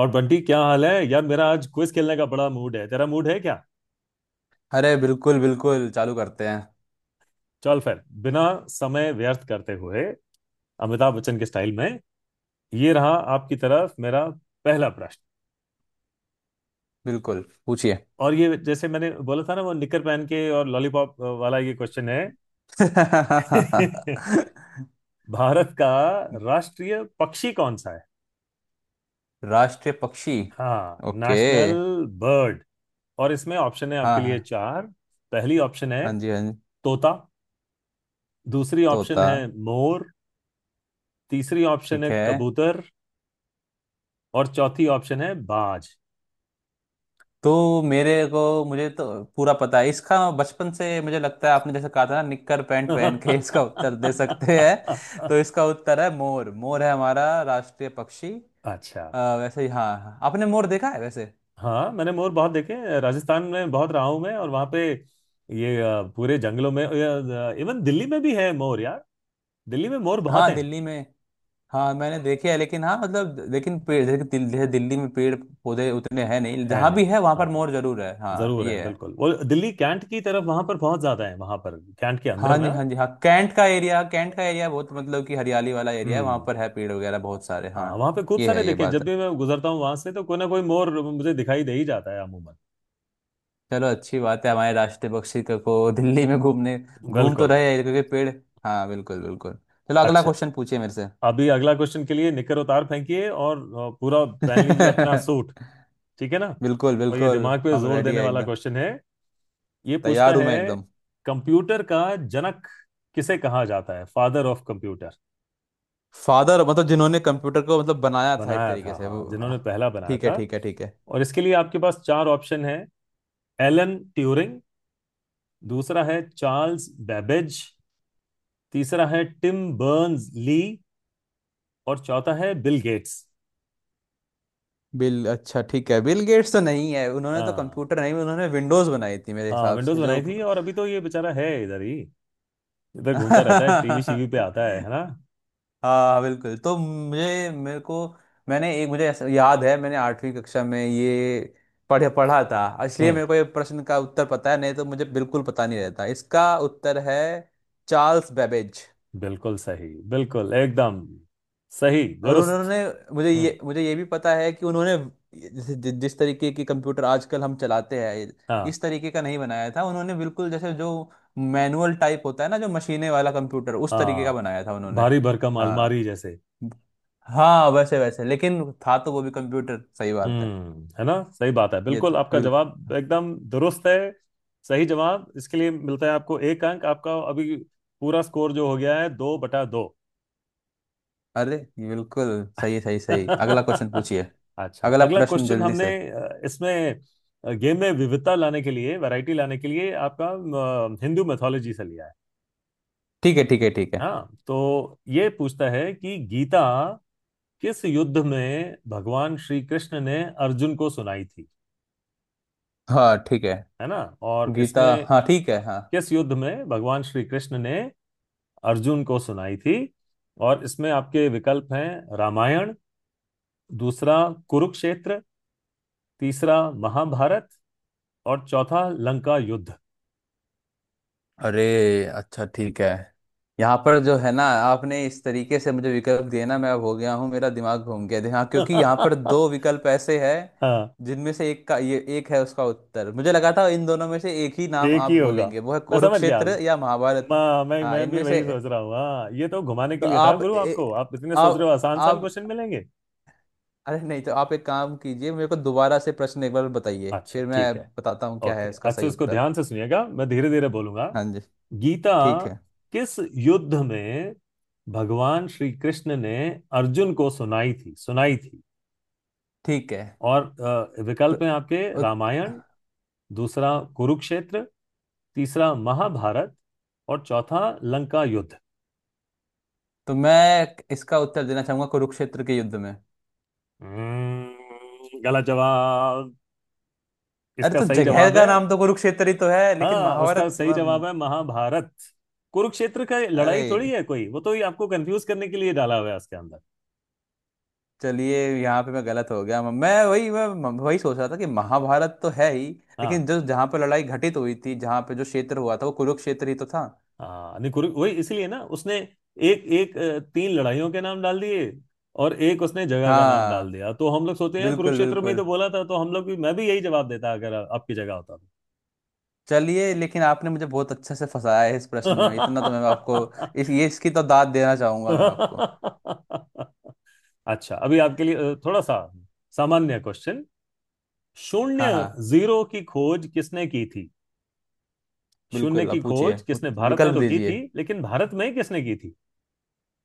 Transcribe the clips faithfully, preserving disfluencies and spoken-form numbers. और बंटी क्या हाल है यार। मेरा आज क्विज खेलने का बड़ा मूड है। तेरा मूड है क्या। अरे बिल्कुल बिल्कुल चालू करते हैं। चल फिर बिना समय व्यर्थ करते हुए अमिताभ बच्चन के स्टाइल में ये रहा आपकी तरफ मेरा पहला प्रश्न। बिल्कुल, पूछिए। और ये जैसे मैंने बोला था ना वो निकर पहन के और लॉलीपॉप वाला ये क्वेश्चन है। भारत का राष्ट्रीय पक्षी कौन सा है। राष्ट्रीय पक्षी। हाँ, ओके। National bird. और इसमें ऑप्शन है आपके हाँ लिए हाँ। चार। पहली ऑप्शन है हाँ जी, हाँ जी। तोता, दूसरी ऑप्शन तोता। है मोर, तीसरी ऑप्शन ठीक है है। कबूतर, और चौथी ऑप्शन है बाज। तो मेरे को मुझे तो पूरा पता है इसका बचपन से। मुझे लगता है आपने जैसे कहा था ना, निक्कर पैंट पहन के इसका उत्तर दे सकते हैं। तो इसका उत्तर है मोर। मोर है हमारा राष्ट्रीय पक्षी। अच्छा। अ, वैसे ही, हाँ हाँ। आपने मोर देखा है वैसे? हाँ, मैंने मोर बहुत देखे हैं। राजस्थान में बहुत रहा हूं मैं, और वहां पे ये अ, पूरे जंगलों में इवन दिल्ली में भी है मोर यार। दिल्ली में मोर बहुत हाँ, हैं। दिल्ली में। हाँ मैंने देखे है, लेकिन हाँ मतलब लेकिन पेड़ जैसे कि दिल, जैसे दिल्ली में पेड़ पौधे उतने हैं नहीं। है जहाँ भी नहीं, है वहाँ पर हाँ, मोर जरूर है, हाँ जरूर है ये है। बिल्कुल। वो दिल्ली कैंट की तरफ वहां पर बहुत ज्यादा है, वहां पर कैंट के हाँ अंदर जी, ना। हाँ जी, हाँ। कैंट का एरिया, कैंट का एरिया बहुत मतलब कि हरियाली वाला एरिया है। वहाँ हम्म पर है पेड़ वगैरह बहुत सारे, हाँ। हाँ, वहां पे खूब ये सारे है, ये देखे हैं। बात जब है। भी मैं गुजरता हूँ वहां से तो कोई ना कोई मोर मुझे दिखाई दे ही जाता है अमूमन। चलो, अच्छी बात है, हमारे राष्ट्रीय पक्षी का- को दिल्ली में घूमने, घूम तो बिल्कुल। रहे हैं क्योंकि पेड़। हाँ बिल्कुल बिल्कुल। चलो, अगला अच्छा, क्वेश्चन पूछिए मेरे से। अभी अगला क्वेश्चन के लिए निकर उतार फेंकिए और अ, पूरा पहन लीजिए अपना सूट। ठीक है ना। बिल्कुल और ये बिल्कुल। दिमाग पे हम जोर रेडी देने है वाला एकदम। क्वेश्चन है। ये पूछता तैयार हूँ है मैं एकदम। कंप्यूटर का जनक किसे कहा जाता है, फादर ऑफ कंप्यूटर। फादर मतलब जिन्होंने कंप्यूटर को मतलब बनाया था एक बनाया तरीके था, से, हाँ, वो आ, जिन्होंने पहला बनाया ठीक है था। ठीक है ठीक है। और इसके लिए आपके पास चार ऑप्शन है। एलन ट्यूरिंग, दूसरा है चार्ल्स बेबेज, तीसरा है टिम बर्न्स ली, और चौथा है बिल गेट्स। बिल, अच्छा ठीक है, बिल गेट्स तो नहीं है। उन्होंने तो हाँ, कंप्यूटर नहीं, उन्होंने विंडोज बनाई थी मेरे हाँ हिसाब विंडोज से, जो बनाई थी, और अभी तो ये बेचारा है इधर ही, इधर घूमता रहता है, टीवी शीवी पे आता है है ना। हाँ बिल्कुल। तो मुझे मेरे को, मैंने एक मुझे ऐसा याद है, मैंने आठवीं कक्षा में ये पढ़े पढ़ा था, इसलिए हम्म मेरे को ये प्रश्न का उत्तर पता है। नहीं तो मुझे बिल्कुल पता नहीं रहता। इसका उत्तर है चार्ल्स बेबेज। बिल्कुल सही। बिल्कुल एकदम सही और दुरुस्त। उन्होंने, मुझे हम्म। ये मुझे ये भी पता है कि उन्होंने जैसे जि, जिस तरीके की कंप्यूटर आजकल हम चलाते हैं, हाँ। इस तरीके का नहीं बनाया था उन्होंने। बिल्कुल जैसे जो मैनुअल टाइप होता है ना, जो मशीने वाला कंप्यूटर, उस तरीके का हाँ, बनाया था उन्होंने। भारी भरकम अलमारी हाँ जैसे। हाँ, वैसे वैसे, लेकिन था तो वो भी कंप्यूटर, सही बात है। हम्म, है ना, सही बात है। ये बिल्कुल था आपका बिल्कुल। जवाब एकदम दुरुस्त है। सही जवाब इसके लिए मिलता है आपको एक अंक। आपका अभी पूरा स्कोर जो हो गया है दो बटा दो। अरे बिल्कुल, सही सही सही। अगला क्वेश्चन पूछिए। अच्छा, अगला अगला प्रश्न क्वेश्चन जल्दी हमने से। अ, इसमें गेम में विविधता लाने के लिए, वैरायटी लाने के लिए, आपका अ, हिंदू मैथोलॉजी से लिया है। ठीक है ठीक है ठीक है। हाँ, तो ये पूछता है कि गीता किस युद्ध में भगवान श्री कृष्ण ने अर्जुन को सुनाई थी। हाँ ठीक है। है ना। और गीता, इसमें हाँ ठीक हाँ, है, हाँ। किस युद्ध में भगवान श्री कृष्ण ने अर्जुन को सुनाई थी। और इसमें आपके विकल्प हैं रामायण, दूसरा कुरुक्षेत्र, तीसरा महाभारत, और चौथा लंका युद्ध। अरे, अच्छा ठीक है। यहाँ पर जो है ना, आपने इस तरीके से मुझे विकल्प दिए ना, मैं अब हो गया हूँ, मेरा दिमाग घूम गया हाँ, क्योंकि यहाँ पर हाँ, दो विकल्प ऐसे हैं जिनमें से एक का ये एक है उसका उत्तर। मुझे लगा था इन दोनों में से एक ही नाम एक आप ही होगा। बोलेंगे, वो है मैं समझ गया। कुरुक्षेत्र या महाभारत। मैं मैं हाँ, मैं भी इनमें से वही सोच रहा हूँ। हाँ, ये तो घुमाने के तो लिए था आप गुरु ए, आपको। आप इतने सोच रहे आप हो, आसान आसान आप क्वेश्चन मिलेंगे। अरे नहीं, तो आप एक काम कीजिए, मेरे को दोबारा से प्रश्न एक बार बताइए, अच्छा फिर मैं ठीक है। बताता हूँ क्या है ओके, इसका अच्छा, सही इसको उत्तर। ध्यान से सुनिएगा, मैं धीरे धीरे बोलूंगा। हाँ जी। गीता ठीक है किस युद्ध में भगवान श्री कृष्ण ने अर्जुन को सुनाई थी सुनाई थी ठीक है। और अ, तो विकल्प हैं आपके रामायण, उत- दूसरा कुरुक्षेत्र, तीसरा महाभारत, और चौथा लंका युद्ध। तो मैं इसका उत्तर देना चाहूंगा कुरुक्षेत्र के युद्ध में। हम्म, गलत जवाब। अरे इसका तो सही जगह जवाब का है, नाम तो कुरुक्षेत्र ही तो है, लेकिन हाँ, उसका महाभारत सही म- जवाब है महाभारत। कुरुक्षेत्र का लड़ाई अरे, थोड़ी है कोई, वो तो ये आपको कंफ्यूज करने के लिए डाला हुआ है उसके अंदर। चलिए यहाँ पे मैं गलत हो गया। मैं वही मैं वही सोच रहा था कि महाभारत तो है ही, हाँ। लेकिन जो जहाँ पे लड़ाई घटित हुई थी, जहाँ पे जो क्षेत्र हुआ था, वो कुरुक्षेत्र ही तो था। हाँ नहीं, कुरु वही इसलिए ना उसने एक एक अ, तीन लड़ाइयों के नाम डाल दिए और एक उसने जगह का नाम डाल हाँ दिया, तो हम लोग सोचते हैं बिल्कुल कुरुक्षेत्र में ही बिल्कुल। तो बोला था। तो हम लोग भी, मैं भी यही जवाब देता अगर आपकी जगह होता तो। चलिए, लेकिन आपने मुझे बहुत अच्छे से फंसाया है इस प्रश्न में, इतना तो मैं आपको, इस ये इसकी तो दाद देना चाहूंगा मैं आपको। अच्छा, अभी आपके लिए अ, थोड़ा सा सामान्य क्वेश्चन। हाँ शून्य, हाँ जीरो की खोज किसने की थी? शून्य बिल्कुल। की आप पूछिए, खोज किसने, उत- भारत ने विकल्प तो की थी दीजिए। लेकिन भारत में किसने की थी।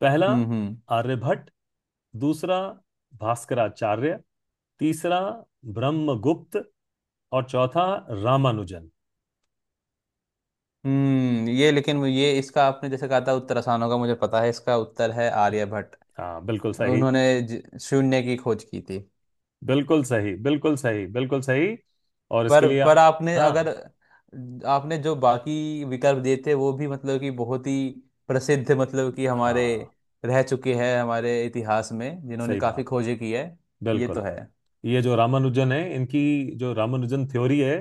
पहला हम्म हम्म। आर्यभट्ट, दूसरा भास्कराचार्य, तीसरा ब्रह्मगुप्त, और चौथा रामानुजन। हम्म, ये लेकिन वो- ये इसका आपने जैसे कहा था उत्तर आसान होगा, मुझे पता है। इसका उत्तर है आर्यभट्ट। हाँ बिल्कुल सही। उन्होंने ज- शून्य की खोज की थी। बिल्कुल सही, बिल्कुल सही, बिल्कुल सही। और इसके पर लिए पर आपने, अगर हाँ। आपने जो बाकी विकल्प दिए थे, वो भी मतलब कि बहुत ही प्रसिद्ध मतलब कि हमारे हाँ, रह चुके हैं हमारे इतिहास में, जिन्होंने सही काफी बात है, खोजें की है। ये तो बिल्कुल। है। ये जो रामानुजन है, इनकी जो रामानुजन थ्योरी है,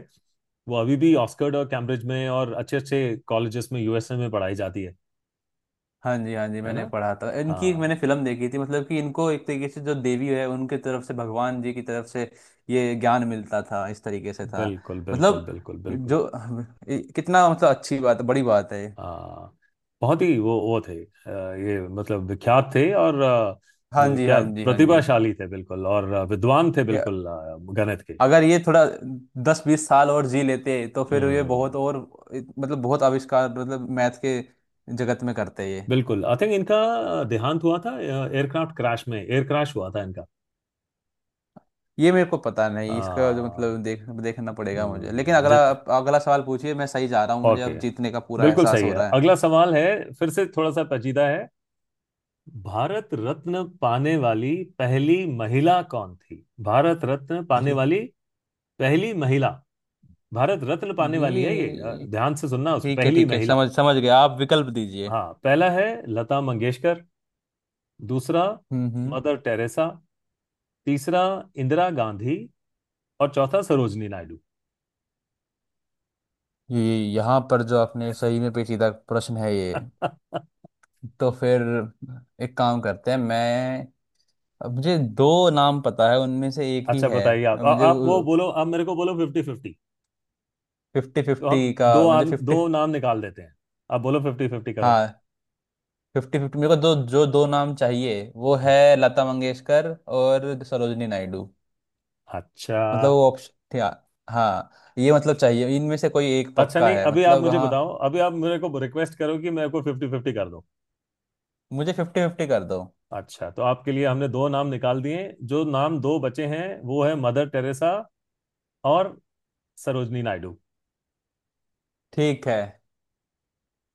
वो अभी भी ऑक्सफोर्ड और कैम्ब्रिज में और अच्छे अच्छे कॉलेजेस में यूएसए में पढ़ाई जाती है। हाँ जी, हाँ जी। है मैंने ना। पढ़ा था इनकी, एक हाँ, मैंने फिल्म देखी थी मतलब कि इनको एक तरीके से जो देवी है, उनके तरफ से, भगवान जी की तरफ से ये ज्ञान मिलता था, इस तरीके से था। बिल्कुल बिल्कुल मतलब बिल्कुल बिल्कुल। जो, ये कितना मतलब अच्छी बात, बड़ी बात है ये। हाँ, बहुत ही वो वो थे, अ, ये मतलब विख्यात थे, और अ, हाँ न- जी, क्या हाँ जी, हाँ जी। प्रतिभाशाली थे बिल्कुल, और अ, विद्वान थे ये, बिल्कुल, अ, गणित के। अगर ये थोड़ा दस बीस साल और जी लेते, तो फिर ये हम्म। बहुत और मतलब बहुत आविष्कार मतलब मैथ के जगत में करते ये। बिल्कुल, आई थिंक इनका अ, देहांत हुआ था एयरक्राफ्ट क्रैश में, एयर क्रैश हुआ था इनका। ये मेरे को पता अ, नहीं, इसका जो मतलब देख देखना पड़ेगा मुझे। लेकिन हम्म, अगला, जित अगला सवाल पूछिए। मैं सही जा रहा हूँ, मुझे ओके, अब जीतने का पूरा बिल्कुल एहसास सही हो है। रहा है। अगला सवाल है, फिर से थोड़ा सा पेचीदा है। भारत रत्न पाने वाली पहली महिला कौन थी, भारत रत्न पाने अरे वाली पहली महिला, भारत रत्न पाने वाली है ये, अ, ये ध्यान से सुनना उसको, ठीक है पहली ठीक है। महिला। समझ समझ गया, आप विकल्प दीजिए। हाँ, पहला है लता मंगेशकर, दूसरा हम्म हम्म। मदर टेरेसा, तीसरा इंदिरा गांधी, और चौथा सरोजनी नायडू। ये यहाँ पर जो, आपने सही में पेचीदा प्रश्न है ये। तो फिर एक काम करते हैं मैं, अब मुझे दो नाम पता है उनमें से एक ही अच्छा, है। बताइए आप, और आ, मुझे आप वो बोलो, आप मेरे को बोलो फिफ्टी फिफ्टी, फिफ्टी तो हम फिफ्टी का, दो मुझे आद, दो फिफ्टी, नाम निकाल देते हैं। आप बोलो फिफ्टी फिफ्टी करो। हाँ फिफ्टी फिफ्टी। मेरे को दो, जो दो नाम चाहिए वो है लता मंगेशकर और सरोजनी नायडू, अच्छा। मतलब वो ऑप्शन था। हाँ, ये मतलब चाहिए, इनमें से कोई एक अच्छा पक्का नहीं, है अभी आप मतलब, मुझे हाँ। बताओ, अभी आप मेरे को रिक्वेस्ट करो कि मेरे को फिफ्टी फिफ्टी कर दो। मुझे फिफ्टी फिफ्टी कर दो। अच्छा, तो आपके लिए हमने दो नाम निकाल दिए। जो नाम दो बचे हैं वो है मदर टेरेसा और सरोजनी नायडू। ठीक है।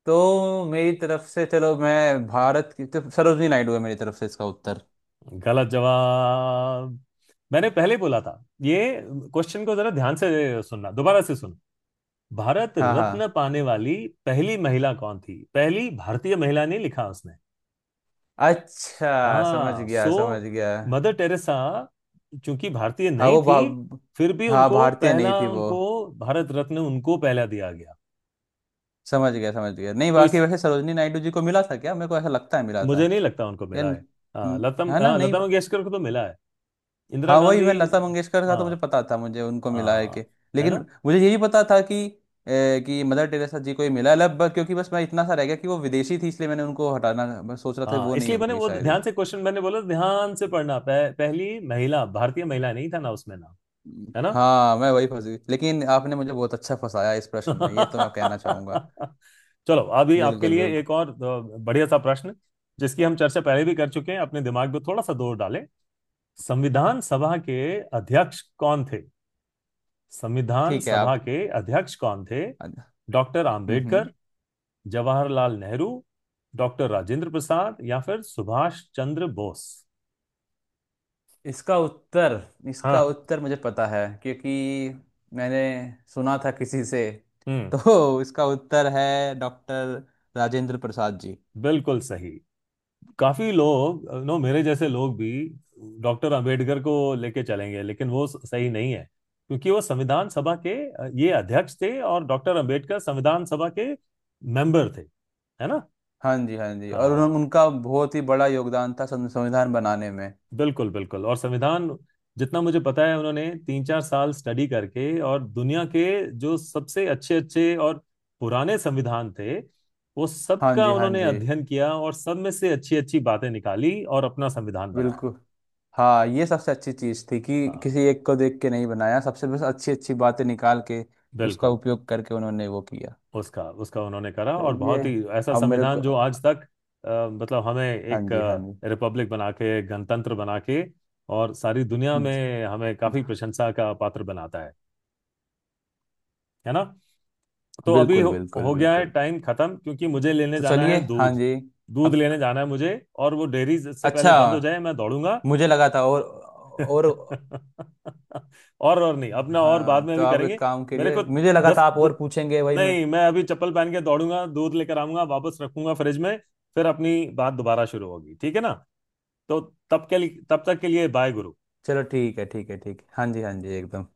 तो मेरी तरफ से, चलो मैं भारत की, तो सरोजनी नायडू है मेरी तरफ से इसका उत्तर। गलत जवाब। मैंने पहले बोला था ये क्वेश्चन को जरा ध्यान से सुनना, दोबारा से सुन। भारत हाँ रत्न हाँ। पाने वाली पहली महिला कौन थी, पहली भारतीय महिला नहीं लिखा उसने। अच्छा, समझ हाँ, गया, सो समझ गया। मदर टेरेसा चूंकि भारतीय हाँ नहीं वो थी, भा, फिर भी हाँ उनको भारतीय नहीं पहला, थी वो। उनको भारत रत्न उनको पहला दिया गया। समझ गया, समझ गया। नहीं तो बाकी इस, वैसे सरोजनी नायडू जी को मिला था क्या? मेरे को ऐसा लगता है मिला था। मुझे नहीं लगता उनको यार मिला है। न- हाँ, न- लता, है ना, हाँ, नहीं। लता मंगेशकर को तो मिला है। इंदिरा हाँ, वही गांधी। मैं, लता मंगेशकर का तो हाँ। मुझे पता था, मुझे उनको मिला है कि। हाँ, है लेकिन ना। मुझे ये भी पता था कि ए, कि मदर टेरेसा जी को ही मिला है लब- ब- क्योंकि बस मैं इतना सा रह गया कि वो विदेशी थी, इसलिए मैंने उनको हटाना मैं सोच रहा था कि हाँ, वो नहीं इसलिए मैंने होगी वो शायद। ध्यान से क्वेश्चन मैंने बोला ध्यान से पढ़ना, पह, पहली महिला, भारतीय महिला नहीं था ना उसमें ना। है ना। हाँ मैं वही फंस गई, लेकिन आपने मुझे बहुत अच्छा फंसाया इस प्रश्न में, ये तो मैं कहना चाहूंगा। चलो, अभी आपके बिल्कुल लिए बिल्कुल। एक और अ, बढ़िया सा प्रश्न, जिसकी हम चर्चा पहले भी कर चुके हैं, अपने दिमाग पे थोड़ा सा जोर डालें। संविधान सभा के अध्यक्ष कौन थे, संविधान ठीक है। सभा आप, के अध्यक्ष कौन थे। हम्म डॉक्टर हम्म। आम्बेडकर, जवाहरलाल नेहरू, डॉक्टर राजेंद्र प्रसाद, या फिर सुभाष चंद्र बोस। इसका उत्तर इसका हाँ। उत्तर मुझे पता है, क्योंकि मैंने सुना था किसी से। हम्म। तो इसका उत्तर है डॉक्टर राजेंद्र प्रसाद जी। बिल्कुल सही। काफी लोग, नो, मेरे जैसे लोग भी डॉक्टर अंबेडकर को लेके चलेंगे, लेकिन वो सही नहीं है। क्योंकि वो संविधान सभा के अ, ये अध्यक्ष थे, और डॉक्टर अंबेडकर संविधान सभा के मेंबर थे। है ना। हाँ जी, हाँ जी। और उन, हाँ उनका बहुत ही बड़ा योगदान था सं- संविधान बनाने में। बिल्कुल, बिल्कुल। और संविधान, जितना मुझे पता है, उन्होंने तीन चार साल स्टडी करके, और दुनिया के जो सबसे अच्छे अच्छे और पुराने संविधान थे, वो हाँ सबका जी, हाँ उन्होंने जी, अध्ययन किया और सब में से अच्छी अच्छी बातें निकाली और अपना संविधान बनाया। बिल्कुल। हाँ, ये सबसे अच्छी चीज़ थी कि हाँ, किसी एक को देख के नहीं बनाया, सबसे बस अच्छी अच्छी बातें निकाल के उसका बिल्कुल। उपयोग करके उन्होंने वो किया। उसका उसका उन्होंने करा, और चलिए, बहुत ही ऐसा अब मेरे को, संविधान जो आज तक अ, मतलब हमें हाँ एक जी हाँ रिपब्लिक बना के, गणतंत्र बना के, और सारी दुनिया जी, में हमें काफी प्रशंसा का पात्र बनाता है। है ना। तो अभी बिल्कुल हो, बिल्कुल हो गया है बिल्कुल। टाइम खत्म, क्योंकि मुझे लेने तो जाना है चलिए, हाँ दूध, जी। दूध अब, लेने जाना है मुझे, और वो डेयरी से पहले अच्छा बंद हो जाए, मैं दौड़ूंगा। मुझे लगा था और और और और नहीं, अपना और बाद हाँ में तो अभी आप एक करेंगे। काम मेरे करिए, को मुझे लगा था दस आप और द- पूछेंगे, वही मैं। नहीं, मैं अभी चप्पल पहन के दौड़ूंगा, दूध लेकर आऊंगा, वापस रखूंगा फ्रिज में, फिर अपनी बात दोबारा शुरू होगी, ठीक है ना। तो तब के लिए, तब तक के लिए, बाय गुरु। चलो ठीक है ठीक है ठीक है। हाँ जी हाँ जी एकदम।